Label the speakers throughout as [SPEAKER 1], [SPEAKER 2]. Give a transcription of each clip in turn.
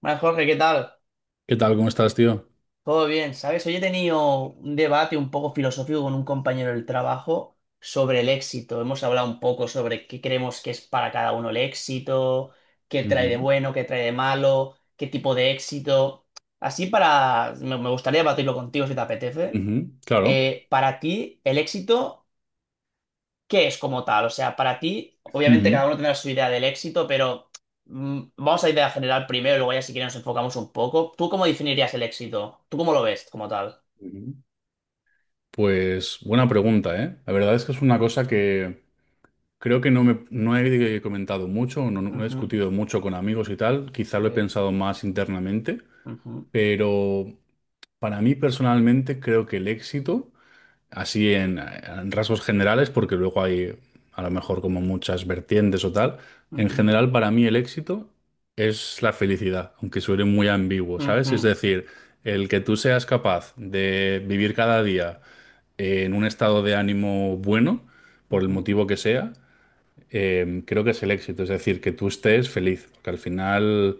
[SPEAKER 1] Bueno, Jorge, ¿qué tal?
[SPEAKER 2] ¿Qué tal? ¿Cómo estás, tío?
[SPEAKER 1] Todo bien, ¿sabes? Hoy he tenido un debate un poco filosófico con un compañero del trabajo sobre el éxito. Hemos hablado un poco sobre qué creemos que es para cada uno el éxito, qué trae de
[SPEAKER 2] Ujú,
[SPEAKER 1] bueno, qué trae de malo, qué tipo de éxito. Así para... Me gustaría debatirlo contigo si te apetece.
[SPEAKER 2] ujú, claro.
[SPEAKER 1] Para ti, el éxito... ¿Qué es como tal? O sea, para ti, obviamente
[SPEAKER 2] Ujú,
[SPEAKER 1] cada uno tendrá su idea del éxito, pero vamos a idea general primero y luego ya si quieres nos enfocamos un poco. ¿Tú cómo definirías el éxito? ¿Tú cómo lo ves como tal?
[SPEAKER 2] ujú. Pues buena pregunta, ¿eh? La verdad es que es una cosa que creo que no he comentado mucho, no he
[SPEAKER 1] Ujú,
[SPEAKER 2] discutido mucho con amigos y tal, quizá lo he
[SPEAKER 1] sí,
[SPEAKER 2] pensado más internamente,
[SPEAKER 1] ujú,
[SPEAKER 2] pero para mí personalmente creo que el éxito así en rasgos generales, porque luego hay a lo mejor como muchas vertientes o tal. En
[SPEAKER 1] ujú,
[SPEAKER 2] general, para mí el éxito es la felicidad, aunque suene muy ambiguo, ¿sabes? Es
[SPEAKER 1] ujú,
[SPEAKER 2] decir, el que tú seas capaz de vivir cada día en un estado de ánimo bueno, por el
[SPEAKER 1] ujú,
[SPEAKER 2] motivo que sea, creo que es el éxito, es decir, que tú estés feliz, porque al final...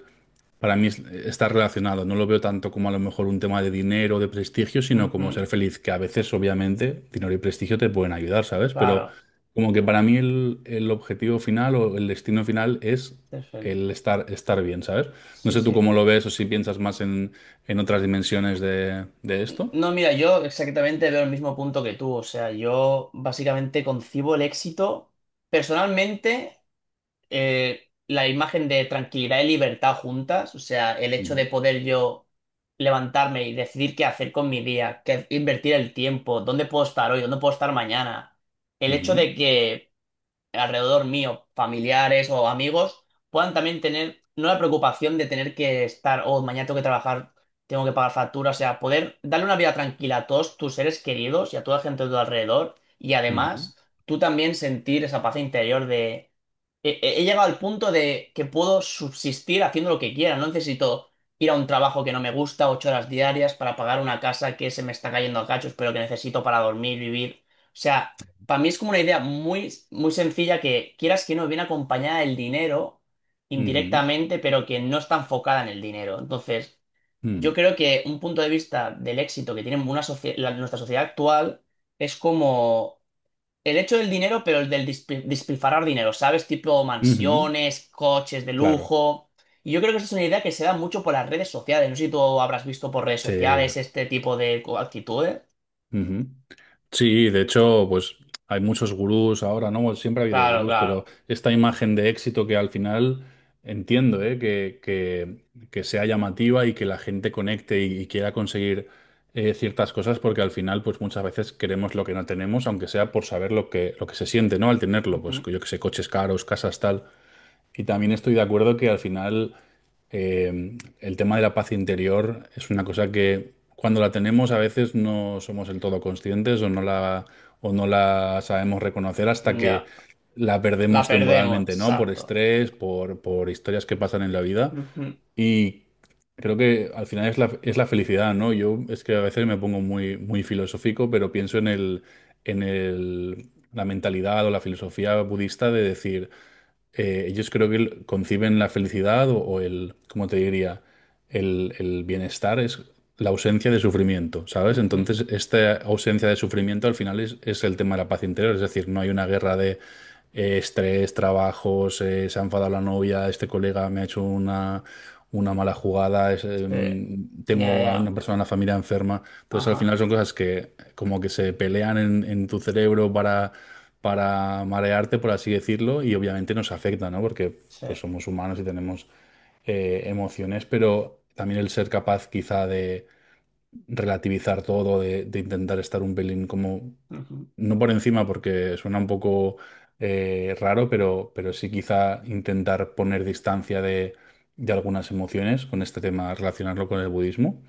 [SPEAKER 2] Para mí está relacionado, no lo veo tanto como a lo mejor un tema de dinero, de prestigio, sino
[SPEAKER 1] ujú.
[SPEAKER 2] como ser feliz, que a veces obviamente dinero y prestigio te pueden ayudar, ¿sabes? Pero
[SPEAKER 1] Claro,
[SPEAKER 2] como que para mí el objetivo final o el destino final es
[SPEAKER 1] ser feliz.
[SPEAKER 2] el estar, estar bien, ¿sabes? No
[SPEAKER 1] Sí,
[SPEAKER 2] sé tú
[SPEAKER 1] sí.
[SPEAKER 2] cómo lo ves o si piensas más en otras dimensiones de esto.
[SPEAKER 1] No, mira, yo exactamente veo el mismo punto que tú. O sea, yo básicamente concibo el éxito personalmente. La imagen de tranquilidad y libertad juntas, o sea, el hecho de
[SPEAKER 2] Ujú.
[SPEAKER 1] poder yo levantarme y decidir qué hacer con mi día, qué invertir el tiempo, dónde puedo estar hoy, dónde puedo estar mañana, el hecho
[SPEAKER 2] Ujú,
[SPEAKER 1] de que alrededor mío, familiares o amigos, puedan también tener, no la preocupación de tener que estar, oh, mañana tengo que trabajar, tengo que pagar facturas, o sea, poder darle una vida tranquila a todos tus seres queridos y a toda la gente de tu alrededor, y
[SPEAKER 2] ujú,
[SPEAKER 1] además tú también sentir esa paz interior de, he llegado al punto de que puedo subsistir haciendo lo que quiera, no necesito... Ir a un trabajo que no me gusta, 8 horas diarias para pagar una casa que se me está cayendo a cachos, pero que necesito para dormir, vivir. O sea, para mí es como una idea muy, muy sencilla que quieras que no viene acompañada del dinero
[SPEAKER 2] ujú,
[SPEAKER 1] indirectamente, pero que no está enfocada en el dinero. Entonces,
[SPEAKER 2] mm,
[SPEAKER 1] yo creo que un punto de vista del éxito que tiene una nuestra sociedad actual es como el hecho del dinero, pero el del despilfarrar dinero, ¿sabes? Tipo
[SPEAKER 2] ujú,
[SPEAKER 1] mansiones, coches de
[SPEAKER 2] claro.
[SPEAKER 1] lujo. Y yo creo que esa es una idea que se da mucho por las redes sociales. No sé si tú habrás visto por redes
[SPEAKER 2] Sí.
[SPEAKER 1] sociales este tipo de actitudes.
[SPEAKER 2] Ujú. Sí, de hecho, pues hay muchos gurús ahora, ¿no? Bueno, siempre ha habido
[SPEAKER 1] Claro,
[SPEAKER 2] gurús, pero
[SPEAKER 1] claro.
[SPEAKER 2] esta imagen de éxito que al final entiendo, ¿eh? Que sea llamativa y que la gente conecte y quiera conseguir ciertas cosas, porque al final, pues muchas veces queremos lo que no tenemos, aunque sea por saber lo que se siente, ¿no? Al tenerlo, pues
[SPEAKER 1] Ujú.
[SPEAKER 2] yo que sé, coches caros, casas, tal. Y también estoy de acuerdo que al final el tema de la paz interior es una cosa que cuando la tenemos a veces no somos del todo conscientes o o no la sabemos reconocer hasta que
[SPEAKER 1] Ya.
[SPEAKER 2] la
[SPEAKER 1] La
[SPEAKER 2] perdemos
[SPEAKER 1] perdemos,
[SPEAKER 2] temporalmente, ¿no? Por
[SPEAKER 1] exacto.
[SPEAKER 2] estrés, por historias que pasan en la vida.
[SPEAKER 1] Ujú,
[SPEAKER 2] Y creo que al final es la felicidad, ¿no? Yo es que a veces me pongo muy, muy filosófico, pero pienso en en el, la mentalidad o la filosofía budista de decir ellos creo que conciben la felicidad o el, ¿cómo te diría? El bienestar es la ausencia de sufrimiento, ¿sabes?
[SPEAKER 1] ujú.
[SPEAKER 2] Entonces, esta ausencia de sufrimiento al final es el tema de la paz interior, es decir, no hay una guerra de estrés, trabajos, se ha enfadado la novia, este colega me ha hecho una mala jugada,
[SPEAKER 1] Sí, ya,
[SPEAKER 2] tengo a una
[SPEAKER 1] ya.
[SPEAKER 2] persona en la familia enferma. Entonces, al
[SPEAKER 1] Ajá,
[SPEAKER 2] final son cosas que como que se pelean en tu cerebro para marearte, por así decirlo, y obviamente nos afecta, ¿no? Porque
[SPEAKER 1] sí.
[SPEAKER 2] pues somos humanos y tenemos emociones, pero también el ser capaz quizá de relativizar todo, de intentar estar un pelín como,
[SPEAKER 1] Ujú,
[SPEAKER 2] no por encima porque suena un poco raro, pero sí quizá intentar poner distancia de algunas emociones con este tema, relacionarlo con el budismo.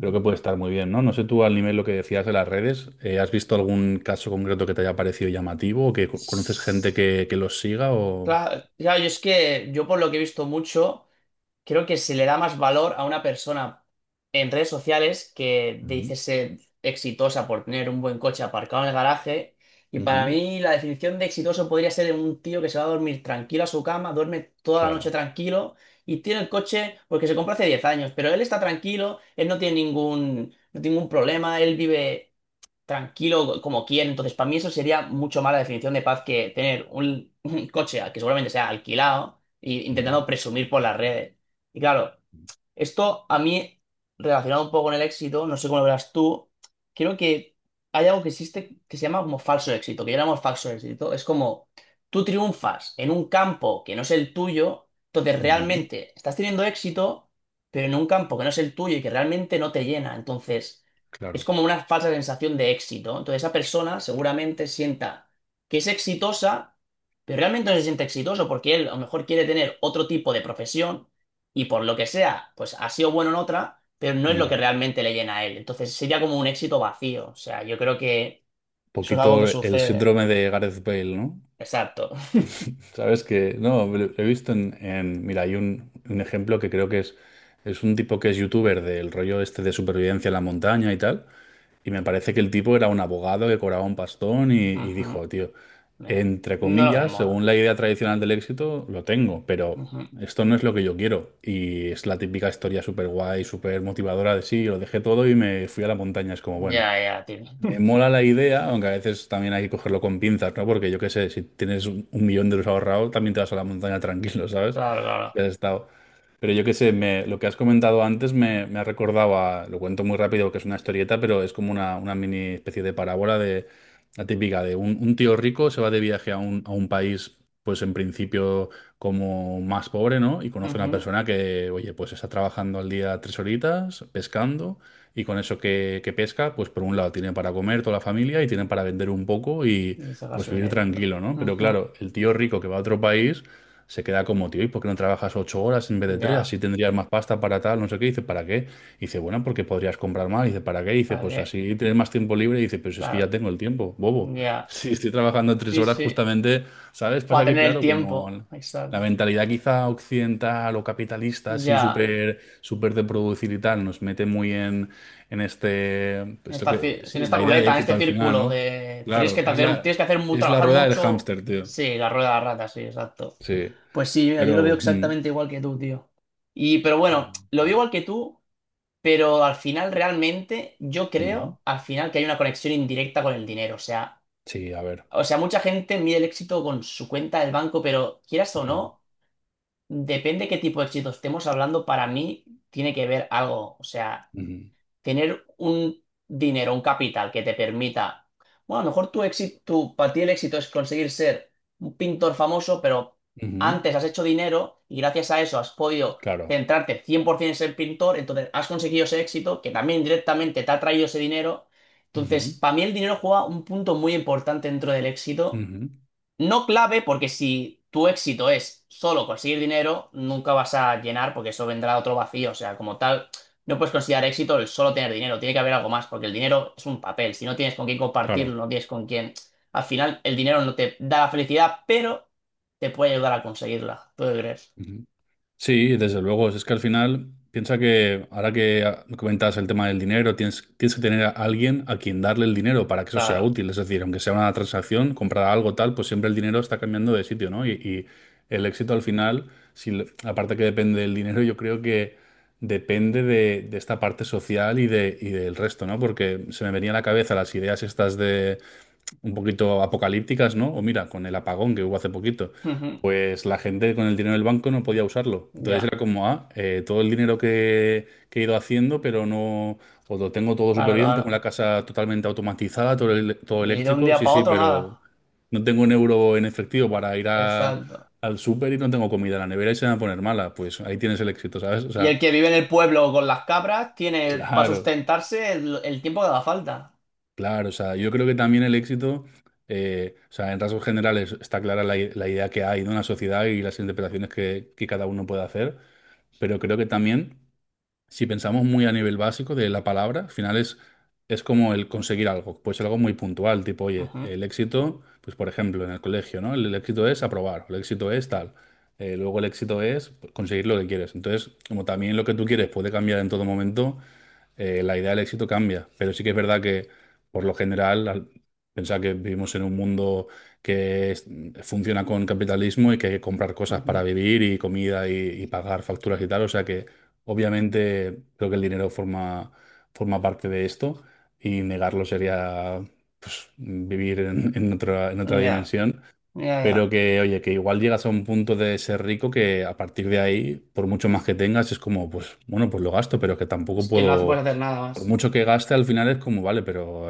[SPEAKER 2] Creo que puede estar muy bien, ¿no? No sé tú al nivel lo que decías de las redes, ¿has visto algún caso concreto que te haya parecido llamativo o que conoces gente que los siga o...
[SPEAKER 1] Claro, claro, yo es que yo por lo que he visto mucho. Creo que se le da más valor a una persona en redes sociales que
[SPEAKER 2] Ujú,
[SPEAKER 1] dice ser exitosa por tener un buen coche aparcado en el garaje. Y
[SPEAKER 2] ujú,
[SPEAKER 1] para mí la definición de exitoso podría ser un tío que se va a dormir tranquilo a su cama, duerme toda la noche
[SPEAKER 2] claro,
[SPEAKER 1] tranquilo y tiene el coche porque se compró hace 10 años, pero él está tranquilo, él no tiene ningún, no tiene ningún problema, él vive tranquilo como quiere. Entonces, para mí eso sería mucho más la definición de paz que tener un, un coche que seguramente sea alquilado e
[SPEAKER 2] ujú,
[SPEAKER 1] intentando presumir por las redes. Y claro, esto a mí, relacionado un poco con el éxito, no sé cómo lo verás tú, creo que hay algo que existe que se llama como falso éxito, que llamamos falso éxito. Es como tú triunfas en un campo que no es el tuyo, entonces
[SPEAKER 2] ujú,
[SPEAKER 1] realmente estás teniendo éxito, pero en un campo que no es el tuyo y que realmente no te llena. Entonces es
[SPEAKER 2] claro.
[SPEAKER 1] como una falsa sensación de éxito. Entonces esa persona seguramente sienta que es exitosa, pero realmente no se siente exitoso porque él a lo mejor quiere tener otro tipo de profesión y por lo que sea, pues ha sido bueno en otra, pero no es lo
[SPEAKER 2] un
[SPEAKER 1] que realmente le llena a él. Entonces sería como un éxito vacío. O sea, yo creo que eso es algo que
[SPEAKER 2] Poquito el
[SPEAKER 1] sucede.
[SPEAKER 2] síndrome de Gareth Bale, ¿no?
[SPEAKER 1] Exacto.
[SPEAKER 2] Sabes que, no, lo he visto mira, hay un ejemplo que creo que es un tipo que es youtuber del rollo este de supervivencia en la montaña y tal. Y me parece que el tipo era un abogado que cobraba un pastón y
[SPEAKER 1] Ujú.
[SPEAKER 2] dijo, tío,
[SPEAKER 1] Me-
[SPEAKER 2] entre
[SPEAKER 1] No lo me
[SPEAKER 2] comillas, según
[SPEAKER 1] mola.
[SPEAKER 2] la idea tradicional del éxito, lo tengo, pero
[SPEAKER 1] Ujú.
[SPEAKER 2] esto no es lo que yo quiero. Y es la típica historia súper guay, súper motivadora de sí, lo dejé todo y me fui a la montaña. Es como, bueno.
[SPEAKER 1] Ya, ya, tío.
[SPEAKER 2] Me mola la idea, aunque a veces también hay que cogerlo con pinzas, ¿no? Porque yo qué sé, si tienes 1 millón de euros ahorrados, también te vas a la montaña tranquilo, ¿sabes?
[SPEAKER 1] Claro, claro.
[SPEAKER 2] Si has estado. Pero yo qué sé, lo que has comentado antes me ha recordado a, lo cuento muy rápido, que es una historieta, pero es como una mini especie de parábola de la típica de un tío rico se va de viaje a a un país, pues en principio como más pobre, ¿no? Y conoce a una
[SPEAKER 1] Ujú.
[SPEAKER 2] persona que, oye, pues está trabajando al día 3 horitas, pescando, y con eso que pesca, pues por un lado tiene para comer toda la familia y tiene para vender un poco y
[SPEAKER 1] Y sacar
[SPEAKER 2] pues
[SPEAKER 1] su
[SPEAKER 2] vivir
[SPEAKER 1] dinerito.
[SPEAKER 2] tranquilo, ¿no? Pero
[SPEAKER 1] Ujú.
[SPEAKER 2] claro, el tío rico que va a otro país se queda como, tío, ¿y por qué no trabajas 8 horas en vez de 3? Así
[SPEAKER 1] Ya,
[SPEAKER 2] tendrías más pasta para tal, no sé qué. Dice, ¿para qué? Dice, bueno, porque podrías comprar más. Dice, ¿para qué? Dice,
[SPEAKER 1] ¿para
[SPEAKER 2] pues
[SPEAKER 1] qué?
[SPEAKER 2] así tienes más tiempo libre. Dice, pues es que ya
[SPEAKER 1] Claro,
[SPEAKER 2] tengo el tiempo, bobo.
[SPEAKER 1] ya.
[SPEAKER 2] Si estoy trabajando tres
[SPEAKER 1] Sí,
[SPEAKER 2] horas
[SPEAKER 1] sí.
[SPEAKER 2] justamente, ¿sabes?
[SPEAKER 1] Para
[SPEAKER 2] Pasa que,
[SPEAKER 1] tener el
[SPEAKER 2] claro,
[SPEAKER 1] tiempo.
[SPEAKER 2] como...
[SPEAKER 1] Exacto.
[SPEAKER 2] La mentalidad quizá occidental o capitalista, así
[SPEAKER 1] Ya.
[SPEAKER 2] súper súper de producir y tal, nos mete muy en este,
[SPEAKER 1] En
[SPEAKER 2] pues lo
[SPEAKER 1] esta,
[SPEAKER 2] que,
[SPEAKER 1] en
[SPEAKER 2] sí,
[SPEAKER 1] esta
[SPEAKER 2] la idea de
[SPEAKER 1] ruleta, en
[SPEAKER 2] éxito
[SPEAKER 1] este
[SPEAKER 2] al final,
[SPEAKER 1] círculo
[SPEAKER 2] ¿no?
[SPEAKER 1] de tienes que
[SPEAKER 2] Claro, es
[SPEAKER 1] hacer,
[SPEAKER 2] es la
[SPEAKER 1] trabajar
[SPEAKER 2] rueda del
[SPEAKER 1] mucho.
[SPEAKER 2] hámster, tío.
[SPEAKER 1] Sí, la rueda de la rata, sí, exacto.
[SPEAKER 2] Sí,
[SPEAKER 1] Pues sí, mira, yo lo veo
[SPEAKER 2] pero,
[SPEAKER 1] exactamente igual que tú, tío. Y, pero
[SPEAKER 2] pero,
[SPEAKER 1] bueno, lo veo igual que tú, pero al final realmente yo
[SPEAKER 2] mm,
[SPEAKER 1] creo al final que hay una conexión indirecta con el dinero.
[SPEAKER 2] sí, a ver.
[SPEAKER 1] O sea, mucha gente mide el éxito con su cuenta del banco, pero quieras o
[SPEAKER 2] Ujú,
[SPEAKER 1] no, depende qué tipo de éxito estemos hablando, para mí tiene que ver algo. O sea
[SPEAKER 2] ujú,
[SPEAKER 1] tener un dinero, un capital que te permita, bueno, a lo mejor tu éxito, tu, para ti el éxito es conseguir ser un pintor famoso, pero
[SPEAKER 2] ujú,
[SPEAKER 1] antes has hecho dinero y gracias a eso has podido
[SPEAKER 2] claro.
[SPEAKER 1] centrarte 100% en ser pintor, entonces has conseguido ese éxito que también directamente te ha traído ese dinero.
[SPEAKER 2] Ujú,
[SPEAKER 1] Entonces, para mí el dinero juega un punto muy importante dentro del éxito
[SPEAKER 2] ujú,
[SPEAKER 1] no clave, porque si tu éxito es solo conseguir dinero, nunca vas a llenar, porque eso vendrá otro vacío. O sea, como tal, no puedes considerar éxito el solo tener dinero. Tiene que haber algo más, porque el dinero es un papel. Si no tienes con quién compartirlo,
[SPEAKER 2] claro.
[SPEAKER 1] no tienes con quién. Al final, el dinero no te da la felicidad, pero te puede ayudar a conseguirla. ¿Tú qué crees?
[SPEAKER 2] Sí, desde luego. Es que al final, piensa que ahora que comentas el tema del dinero, tienes, tienes que tener a alguien a quien darle el dinero para que eso sea
[SPEAKER 1] Claro.
[SPEAKER 2] útil. Es decir, aunque sea una transacción, comprar algo tal, pues siempre el dinero está cambiando de sitio, ¿no? Y el éxito al final, si, aparte que depende del dinero, yo creo que depende de esta parte social y del resto, ¿no? Porque se me venía a la cabeza las ideas estas un poquito apocalípticas, ¿no? O mira, con el apagón que hubo hace poquito,
[SPEAKER 1] Ujú.
[SPEAKER 2] pues la gente con el dinero del banco no podía usarlo. Entonces
[SPEAKER 1] Ya,
[SPEAKER 2] era como, ah, todo el dinero que he ido haciendo, pero no, o lo tengo todo súper
[SPEAKER 1] claro,
[SPEAKER 2] bien, tengo la
[SPEAKER 1] claro.
[SPEAKER 2] casa totalmente automatizada, todo, todo
[SPEAKER 1] Y de un
[SPEAKER 2] eléctrico,
[SPEAKER 1] día
[SPEAKER 2] sí,
[SPEAKER 1] para
[SPEAKER 2] sí,
[SPEAKER 1] otro,
[SPEAKER 2] pero
[SPEAKER 1] nada.
[SPEAKER 2] no tengo un euro en efectivo para
[SPEAKER 1] Exacto.
[SPEAKER 2] al súper y no tengo comida en la nevera y se me va a poner mala. Pues ahí tienes el éxito, ¿sabes? O
[SPEAKER 1] Y
[SPEAKER 2] sea,
[SPEAKER 1] el que vive en el pueblo con las cabras tiene para
[SPEAKER 2] claro.
[SPEAKER 1] sustentarse el tiempo que haga falta.
[SPEAKER 2] Claro, o sea, yo creo que también el éxito, o sea, en rasgos generales está clara la idea que hay de una sociedad y las interpretaciones que cada uno puede hacer, pero creo que también, si pensamos muy a nivel básico de la palabra, al final es como el conseguir algo, pues algo muy puntual, tipo, oye, el éxito, pues por ejemplo, en el colegio, ¿no? El éxito es aprobar, el éxito es tal, luego el éxito es conseguir lo que quieres. Entonces, como también lo que tú quieres puede cambiar en todo momento la idea del éxito cambia, pero sí que es verdad que por lo general, al pensar que vivimos en un mundo que es- funciona con capitalismo y que hay que comprar cosas para
[SPEAKER 1] Ujú.
[SPEAKER 2] vivir y comida y pagar facturas y tal, o sea que obviamente creo que el dinero forma, forma parte de esto y negarlo sería pues, vivir en otra
[SPEAKER 1] Ya,
[SPEAKER 2] dimensión.
[SPEAKER 1] ya,
[SPEAKER 2] Pero
[SPEAKER 1] ya.
[SPEAKER 2] que, oye, que igual llegas a un punto de ser rico que a partir de ahí, por mucho más que tengas, es como, pues, bueno, pues lo gasto, pero que tampoco
[SPEAKER 1] Es que no hace-
[SPEAKER 2] puedo
[SPEAKER 1] puedes hacer nada
[SPEAKER 2] por
[SPEAKER 1] más.
[SPEAKER 2] mucho que gaste, al final es como, vale, pero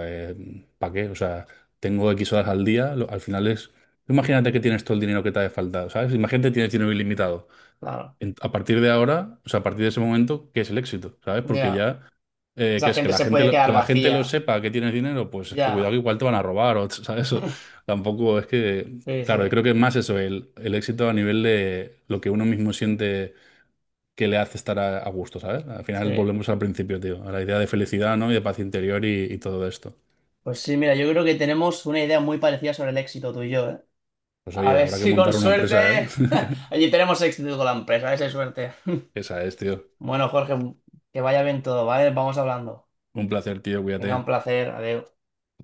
[SPEAKER 2] ¿para qué? O sea, tengo X horas al día, al final es... Imagínate que tienes todo el dinero que te hace falta, ¿sabes? Imagínate que tienes dinero ilimitado.
[SPEAKER 1] Claro,
[SPEAKER 2] A partir de ahora, o sea, a partir de ese momento, ¿qué es el éxito? ¿Sabes? Porque
[SPEAKER 1] ya.
[SPEAKER 2] ya,
[SPEAKER 1] Esa
[SPEAKER 2] que es que
[SPEAKER 1] gente se puede
[SPEAKER 2] que
[SPEAKER 1] quedar
[SPEAKER 2] la gente lo
[SPEAKER 1] vacía.
[SPEAKER 2] sepa que tienes dinero, pues es que cuidado
[SPEAKER 1] Ya.
[SPEAKER 2] que igual te van a robar, o, ¿sabes? O tampoco es que,
[SPEAKER 1] Sí,
[SPEAKER 2] claro, yo
[SPEAKER 1] sí,
[SPEAKER 2] creo que es más eso, el éxito a nivel de lo que uno mismo siente que le hace estar a gusto, ¿sabes? Al
[SPEAKER 1] sí.
[SPEAKER 2] final volvemos al principio, tío, a la idea de felicidad, ¿no? Y de paz interior y todo esto.
[SPEAKER 1] Pues sí, mira, yo creo que tenemos una idea muy parecida sobre el éxito tú y yo, ¿eh?
[SPEAKER 2] Pues
[SPEAKER 1] A
[SPEAKER 2] oye,
[SPEAKER 1] ver
[SPEAKER 2] habrá que
[SPEAKER 1] si con
[SPEAKER 2] montar una empresa, ¿eh?
[SPEAKER 1] suerte allí tenemos éxito con la empresa, a ver si hay suerte.
[SPEAKER 2] Esa es, tío.
[SPEAKER 1] Bueno, Jorge, que vaya bien todo, ¿vale? Vamos hablando.
[SPEAKER 2] Un placer, tío,
[SPEAKER 1] Venga,
[SPEAKER 2] cuídate.
[SPEAKER 1] un placer, adiós.